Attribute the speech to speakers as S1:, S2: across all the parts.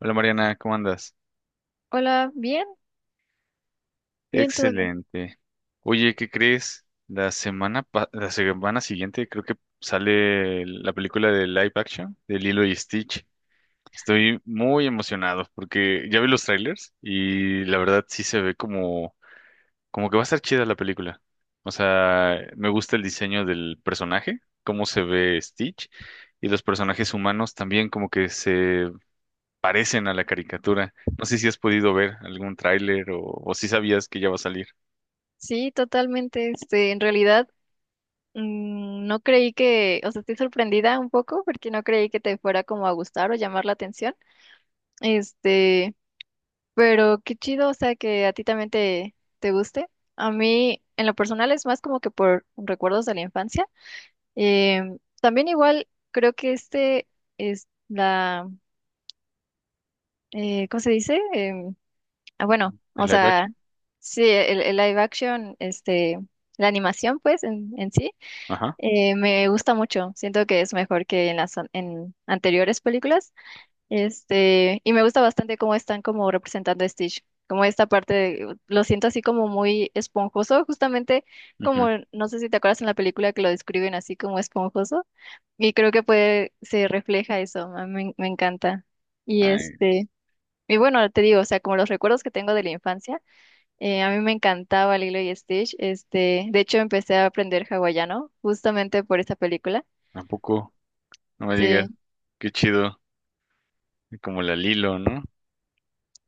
S1: Hola Mariana, ¿cómo andas?
S2: Hola, bien, todo bien.
S1: Excelente. Oye, ¿qué crees? La semana, la semana siguiente creo que sale la película de live action de Lilo y Stitch. Estoy muy emocionado porque ya vi los trailers y la verdad sí se ve como que va a estar chida la película. O sea, me gusta el diseño del personaje, cómo se ve Stitch y los personajes humanos también como que se parecen a la caricatura. No sé si has podido ver algún tráiler o si sabías que ya va a salir.
S2: Sí, totalmente. Este, en realidad, no creí que, o sea, estoy sorprendida un poco porque no creí que te fuera como a gustar o llamar la atención. Este, pero qué chido, o sea, que a ti también te guste. A mí, en lo personal, es más como que por recuerdos de la infancia. También igual, creo que este es la, ¿cómo se dice? Bueno,
S1: ¿El
S2: o
S1: live
S2: sea,
S1: action?
S2: sí, el live action, este, la animación, pues, en sí,
S1: Ajá.
S2: me gusta mucho. Siento que es mejor que en las en anteriores películas. Este, y me gusta bastante cómo están como representando a Stitch. Como esta parte, lo siento así como muy esponjoso, justamente
S1: Ujú.
S2: como, no sé si te acuerdas en la película que lo describen así como esponjoso. Y creo que puede, se refleja eso, a mí me encanta. Y
S1: Ay,
S2: este, y bueno, te digo, o sea, como los recuerdos que tengo de la infancia. A mí me encantaba Lilo y Stitch. Este, de hecho, empecé a aprender hawaiano justamente por esta película.
S1: tampoco, no me digas.
S2: Sí,
S1: Qué chido. Como la Lilo, ¿no?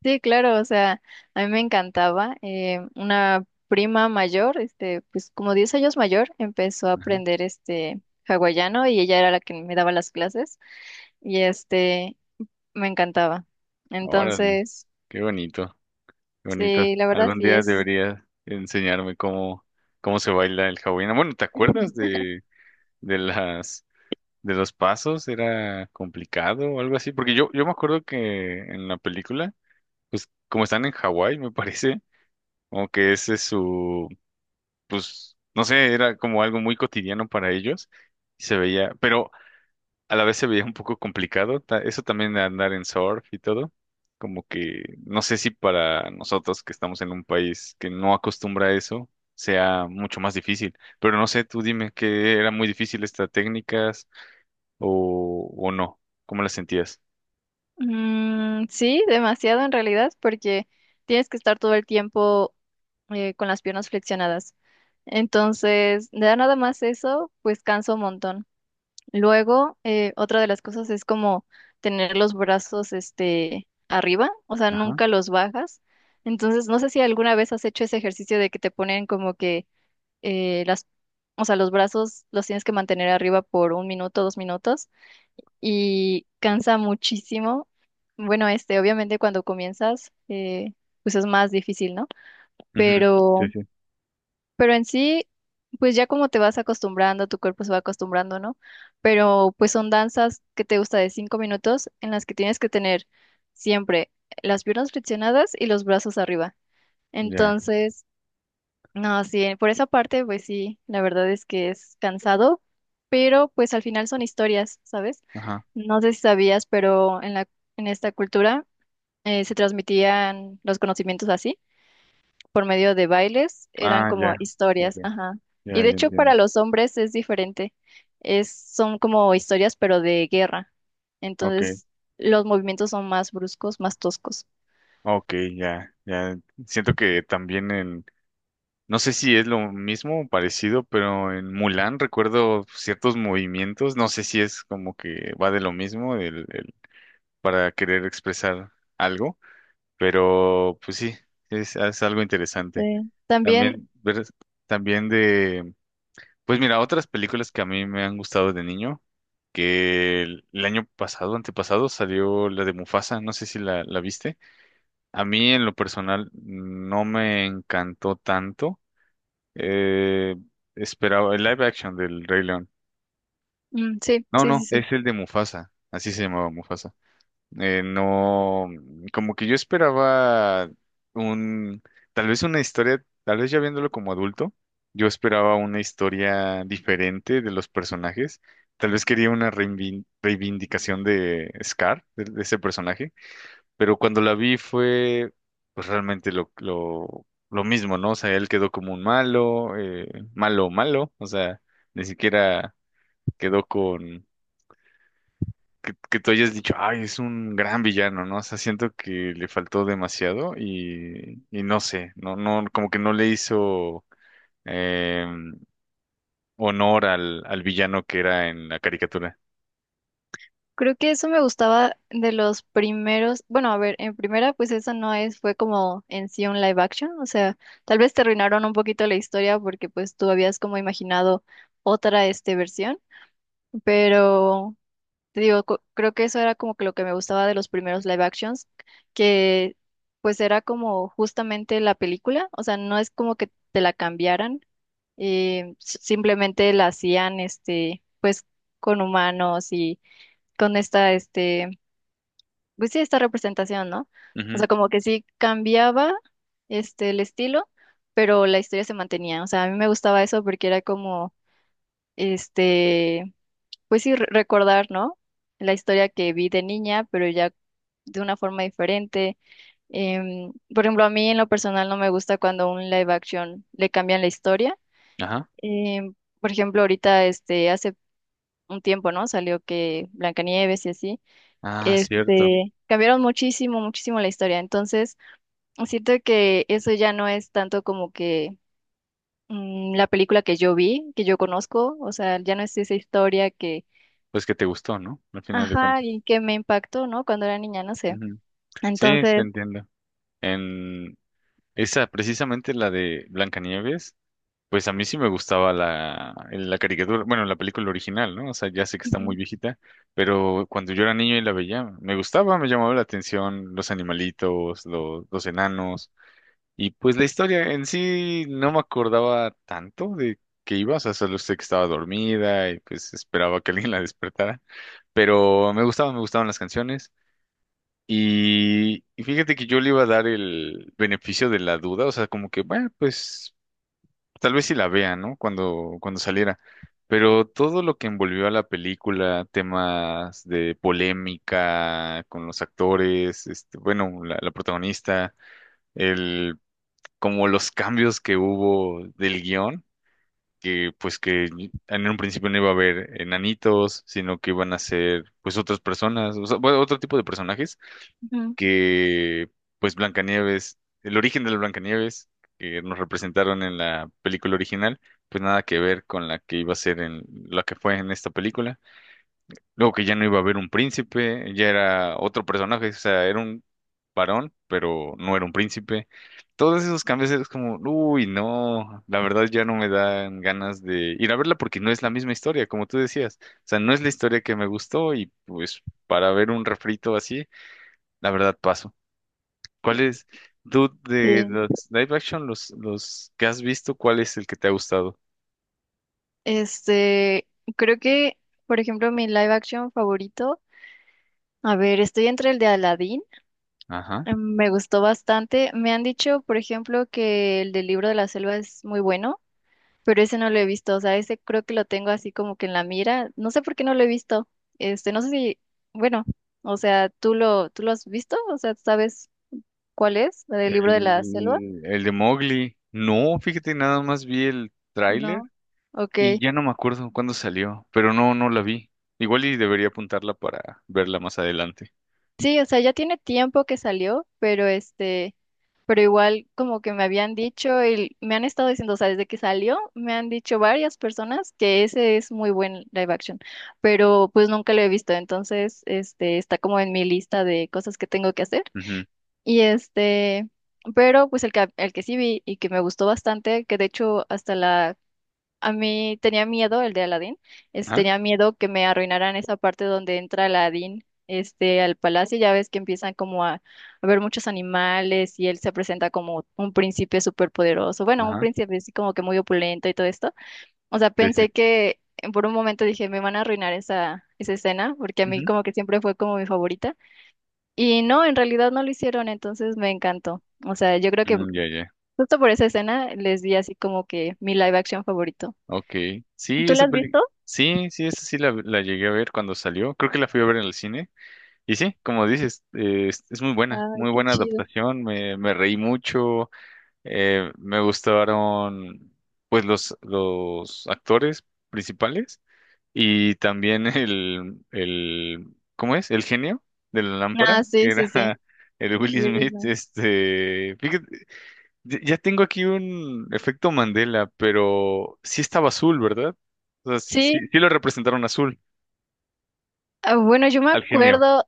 S2: sí, claro. O sea, a mí me encantaba. Una prima mayor, este, pues como 10 años mayor, empezó a
S1: Ajá.
S2: aprender este hawaiano y ella era la que me daba las clases y este, me encantaba.
S1: Órale,
S2: Entonces,
S1: qué bonito, qué bonito.
S2: sí, la verdad
S1: Algún
S2: sí
S1: día
S2: es.
S1: deberías enseñarme cómo se baila el hawaiano. Bueno, ¿te acuerdas de las de los pasos? ¿Era complicado o algo así? Porque yo me acuerdo que en la película, pues como están en Hawái, me parece, como que ese es su, pues, no sé, era como algo muy cotidiano para ellos y se veía, pero a la vez se veía un poco complicado, eso también de andar en surf y todo, como que no sé si para nosotros que estamos en un país que no acostumbra a eso sea mucho más difícil, pero no sé, tú dime que era muy difícil estas técnicas o no, ¿cómo las sentías?
S2: Mm, sí, demasiado en realidad, porque tienes que estar todo el tiempo con las piernas flexionadas. Entonces, da nada más eso, pues cansa un montón. Luego, otra de las cosas es como tener los brazos este arriba, o sea,
S1: Ajá.
S2: nunca los bajas. Entonces, no sé si alguna vez has hecho ese ejercicio de que te ponen como que eh, las, o sea, los brazos los tienes que mantener arriba por 1 minuto, 2 minutos y cansa muchísimo. Bueno, este, obviamente cuando comienzas, pues es más difícil, ¿no?
S1: Ujú. Sí,
S2: Pero,
S1: sí.
S2: pero en sí, pues ya como te vas acostumbrando, tu cuerpo se va acostumbrando, ¿no? Pero pues son danzas que te gusta de 5 minutos en las que tienes que tener siempre las piernas flexionadas y los brazos arriba.
S1: Ya.
S2: Entonces, no, sí, por esa parte, pues sí, la verdad es que es cansado, pero pues al final son historias, ¿sabes?
S1: Ajá.
S2: No sé si sabías, pero en la, en esta cultura se transmitían los conocimientos así, por medio de bailes, eran
S1: Ah,
S2: como
S1: ya. Ok.
S2: historias, ajá. Y
S1: Ya,
S2: de
S1: ya
S2: hecho
S1: entiendo.
S2: para los hombres es diferente, es, son como historias, pero de guerra.
S1: Ok.
S2: Entonces los movimientos son más bruscos, más toscos.
S1: Ok, ya, ya. Siento que también en, no sé si es lo mismo o parecido, pero en Mulan recuerdo ciertos movimientos, no sé si es como que va de lo mismo el para querer expresar algo, pero pues sí, es algo interesante.
S2: Sí. También,
S1: También, ver, también de, pues mira, otras películas que a mí me han gustado de niño, que el año pasado, antepasado, salió la de Mufasa, no sé si la viste. A mí en lo personal no me encantó tanto. Eh, Esperaba el live action del Rey León.
S2: mm, sí,
S1: No,
S2: sí, sí,
S1: no,
S2: sí.
S1: es el de Mufasa. Así se llamaba Mufasa. No, como que yo esperaba un, tal vez una historia, tal vez ya viéndolo como adulto, yo esperaba una historia diferente de los personajes. Tal vez quería una reivindicación de Scar, de ese personaje, pero cuando la vi fue pues realmente lo mismo, ¿no? O sea, él quedó como un malo, malo, malo, o sea, ni siquiera quedó con que tú hayas dicho, ay, es un gran villano, ¿no? O sea, siento que le faltó demasiado y no sé, no, no, como que no le hizo eh, honor al villano que era en la caricatura.
S2: Creo que eso me gustaba de los primeros, bueno, a ver, en primera, pues eso no es, fue como en sí un live action, o sea, tal vez te arruinaron un poquito la historia porque pues tú habías como imaginado otra, este, versión, pero te digo, creo que eso era como que lo que me gustaba de los primeros live actions, que pues era como justamente la película, o sea, no es como que te la cambiaran, simplemente la hacían, este, pues con humanos y con esta, este pues sí, esta representación, ¿no? O
S1: Ujú.
S2: sea, como que sí cambiaba este el estilo, pero la historia se mantenía. O sea, a mí me gustaba eso porque era como, este, pues sí, recordar, ¿no? La historia que vi de niña, pero ya de una forma diferente. Em, por ejemplo, a mí en lo personal no me gusta cuando un live action le cambian la historia.
S1: Ajá.
S2: Em, por ejemplo, ahorita, este, hace un tiempo, ¿no? Salió que Blancanieves y así
S1: Ah, cierto.
S2: este, cambiaron muchísimo, muchísimo la historia. Entonces, siento que eso ya no es tanto como que la película que yo vi, que yo conozco, o sea, ya no es esa historia que,
S1: Pues que te gustó, ¿no? Al final de
S2: ajá,
S1: cuentas.
S2: y que me impactó, ¿no? Cuando era niña, no sé.
S1: Ujú. Sí, te
S2: Entonces,
S1: entiendo. En, esa, precisamente la de Blancanieves, pues a mí sí me gustaba la caricatura, bueno, la película original, ¿no? O sea, ya sé que está
S2: ujú,
S1: muy viejita, pero cuando yo era niño y la veía, me gustaba, me llamaba la atención los animalitos, los enanos, y pues la historia en sí no me acordaba tanto de que iba, o sea, solo sé que estaba dormida y pues esperaba que alguien la despertara, pero me gustaban las canciones. Y fíjate que yo le iba a dar el beneficio de la duda, o sea, como que, bueno, pues tal vez si la vea, ¿no? Cuando saliera. Pero todo lo que envolvió a la película, temas de polémica con los actores, este, bueno, la protagonista, el, como los cambios que hubo del guión, que pues que en un principio no iba a haber enanitos, sino que iban a ser pues otras personas, o sea, bueno, otro tipo de personajes
S2: ujú,
S1: que pues Blancanieves, el origen de la Blancanieves que nos representaron en la película original, pues nada que ver con la que iba a ser en la que fue en esta película. Luego que ya no iba a haber un príncipe, ya era otro personaje, o sea, era un varón, pero no era un príncipe. Todos esos cambios es como, uy, no, la verdad ya no me dan ganas de ir a verla porque no es la misma historia, como tú decías. O sea, no es la historia que me gustó y pues para ver un refrito así, la verdad paso. ¿Cuáles es, de
S2: sí.
S1: los live action, los que has visto, cuál es el que te ha gustado?
S2: Este, creo que, por ejemplo, mi live action favorito, a ver, estoy entre el de Aladdin,
S1: Ajá.
S2: me gustó bastante. Me han dicho, por ejemplo, que el del libro de la selva es muy bueno. Pero ese no lo he visto, o sea, ese creo que lo tengo así como que en la mira, no sé por qué no lo he visto, este, no sé si, bueno, o sea, ¿tú tú lo has visto? O sea, ¿sabes cuál es? ¿La del libro de la selva?
S1: El de Mowgli. No, fíjate, nada más vi el tráiler
S2: No.
S1: y
S2: Ok.
S1: ya no me acuerdo cuándo salió, pero no, no la vi. Igual y debería apuntarla para verla más adelante.
S2: Sí, o sea, ya tiene tiempo que salió, pero este, pero igual como que me habían dicho y me han estado diciendo, o sea, desde que salió, me han dicho varias personas que ese es muy buen live action, pero pues nunca lo he visto, entonces, este, está como en mi lista de cosas que tengo que hacer.
S1: Ujú.
S2: Y este, pero pues el que sí vi y que me gustó bastante, que de hecho hasta la, a mí tenía miedo, el de Aladdin,
S1: Ajá.
S2: tenía miedo que me arruinaran esa parte donde entra Aladdin, este, al palacio, ya ves que empiezan como a ver muchos animales y él se presenta como un príncipe súper poderoso, bueno, un
S1: Ajá.
S2: príncipe así como que muy opulento y todo esto. O sea,
S1: Sí, sí.
S2: pensé que por un momento dije, me van a arruinar esa, esa escena, porque a mí
S1: Ujú.
S2: como que siempre fue como mi favorita. Y no, en realidad no lo hicieron, entonces me encantó. O sea, yo creo que
S1: Mm, ya, ya.
S2: justo por esa escena les di así como que mi live action favorito.
S1: Ok. Sí,
S2: ¿Tú la
S1: esa
S2: has visto?
S1: película. Sí, sí, esa sí la llegué a ver cuando salió. Creo que la fui a ver en el cine. Y sí, como dices, es
S2: Ay,
S1: muy
S2: qué
S1: buena
S2: chido.
S1: adaptación, me reí mucho, me gustaron pues los actores principales y también el, ¿cómo es? El genio de la
S2: Ah,
S1: lámpara, que
S2: sí, sí,
S1: era
S2: sí.
S1: el Will
S2: Hubieras,
S1: Smith,
S2: ¿no?
S1: este, fíjate, ya ya tengo aquí un efecto Mandela, pero sí estaba azul, ¿verdad? O sea,
S2: Sí,
S1: sí lo representaron azul
S2: ah, bueno, yo
S1: al genio.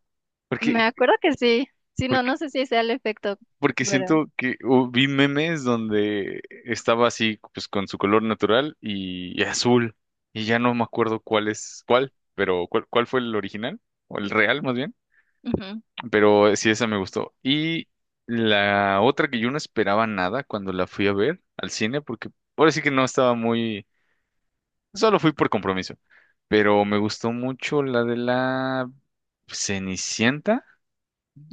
S1: Porque
S2: me acuerdo que sí. Sí, no, no sé si sea el efecto,
S1: porque
S2: pero.
S1: siento que o vi memes donde estaba así, pues con su color natural y azul. Y ya no me acuerdo cuál es cuál, pero cuál fue el original, o el real más bien.
S2: Ujú.
S1: Pero sí, esa me gustó. Y la otra que yo no esperaba nada cuando la fui a ver al cine, porque ahora sí que no estaba muy. Solo fui por compromiso. Pero me gustó mucho la de la Cenicienta,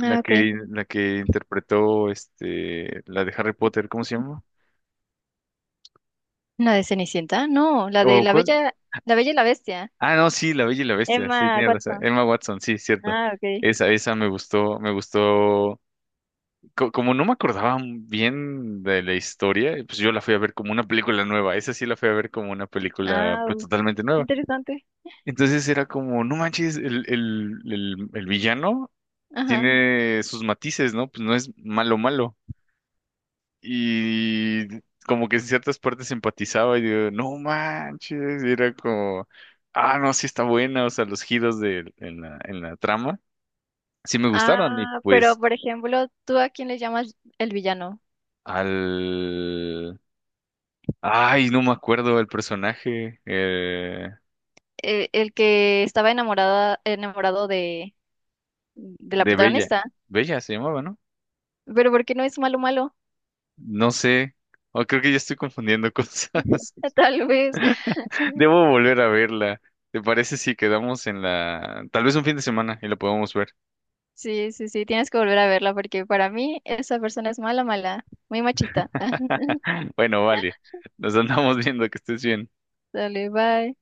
S2: Ah, ok.
S1: la que interpretó este, la de Harry Potter, ¿cómo se llama?
S2: ¿La de Cenicienta? No, la de
S1: ¿O
S2: La
S1: cuál?
S2: Bella, La Bella y la Bestia.
S1: Ah, no, sí, La Bella y la Bestia, sí,
S2: Emma
S1: tienes razón.
S2: Watson.
S1: Emma Watson, sí, cierto.
S2: Ah, ok.
S1: Esa me gustó, me gustó. Como no me acordaba bien de la historia, pues yo la fui a ver como una película nueva. Esa sí la fui a ver como una película,
S2: Ah,
S1: pues totalmente
S2: qué
S1: nueva.
S2: interesante.
S1: Entonces era como, no manches, el villano
S2: Ajá.
S1: tiene sus matices, ¿no? Pues no es malo malo. Y como que en ciertas partes empatizaba y digo, no manches, y era como, ah, no, sí está buena, o sea, los giros de, en en la trama, sí me gustaron y
S2: Ah, pero
S1: pues
S2: por ejemplo, ¿tú a quién le llamas el villano?
S1: al... Ay, no me acuerdo el personaje
S2: El, que estaba enamorada, enamorado de la
S1: de Bella.
S2: protagonista.
S1: Bella se llamaba, ¿no?
S2: Pero ¿por qué no es malo malo?
S1: No sé. O creo que ya estoy confundiendo cosas.
S2: Tal vez.
S1: Debo volver a verla. ¿Te parece si quedamos en la... Tal vez un fin de semana y la podemos ver?
S2: Sí, sí, sí, tienes que volver a verla porque para mí esa persona es mala, mala, muy machista.
S1: Bueno, vale. Nos andamos viendo que estés bien.
S2: Dale, bye.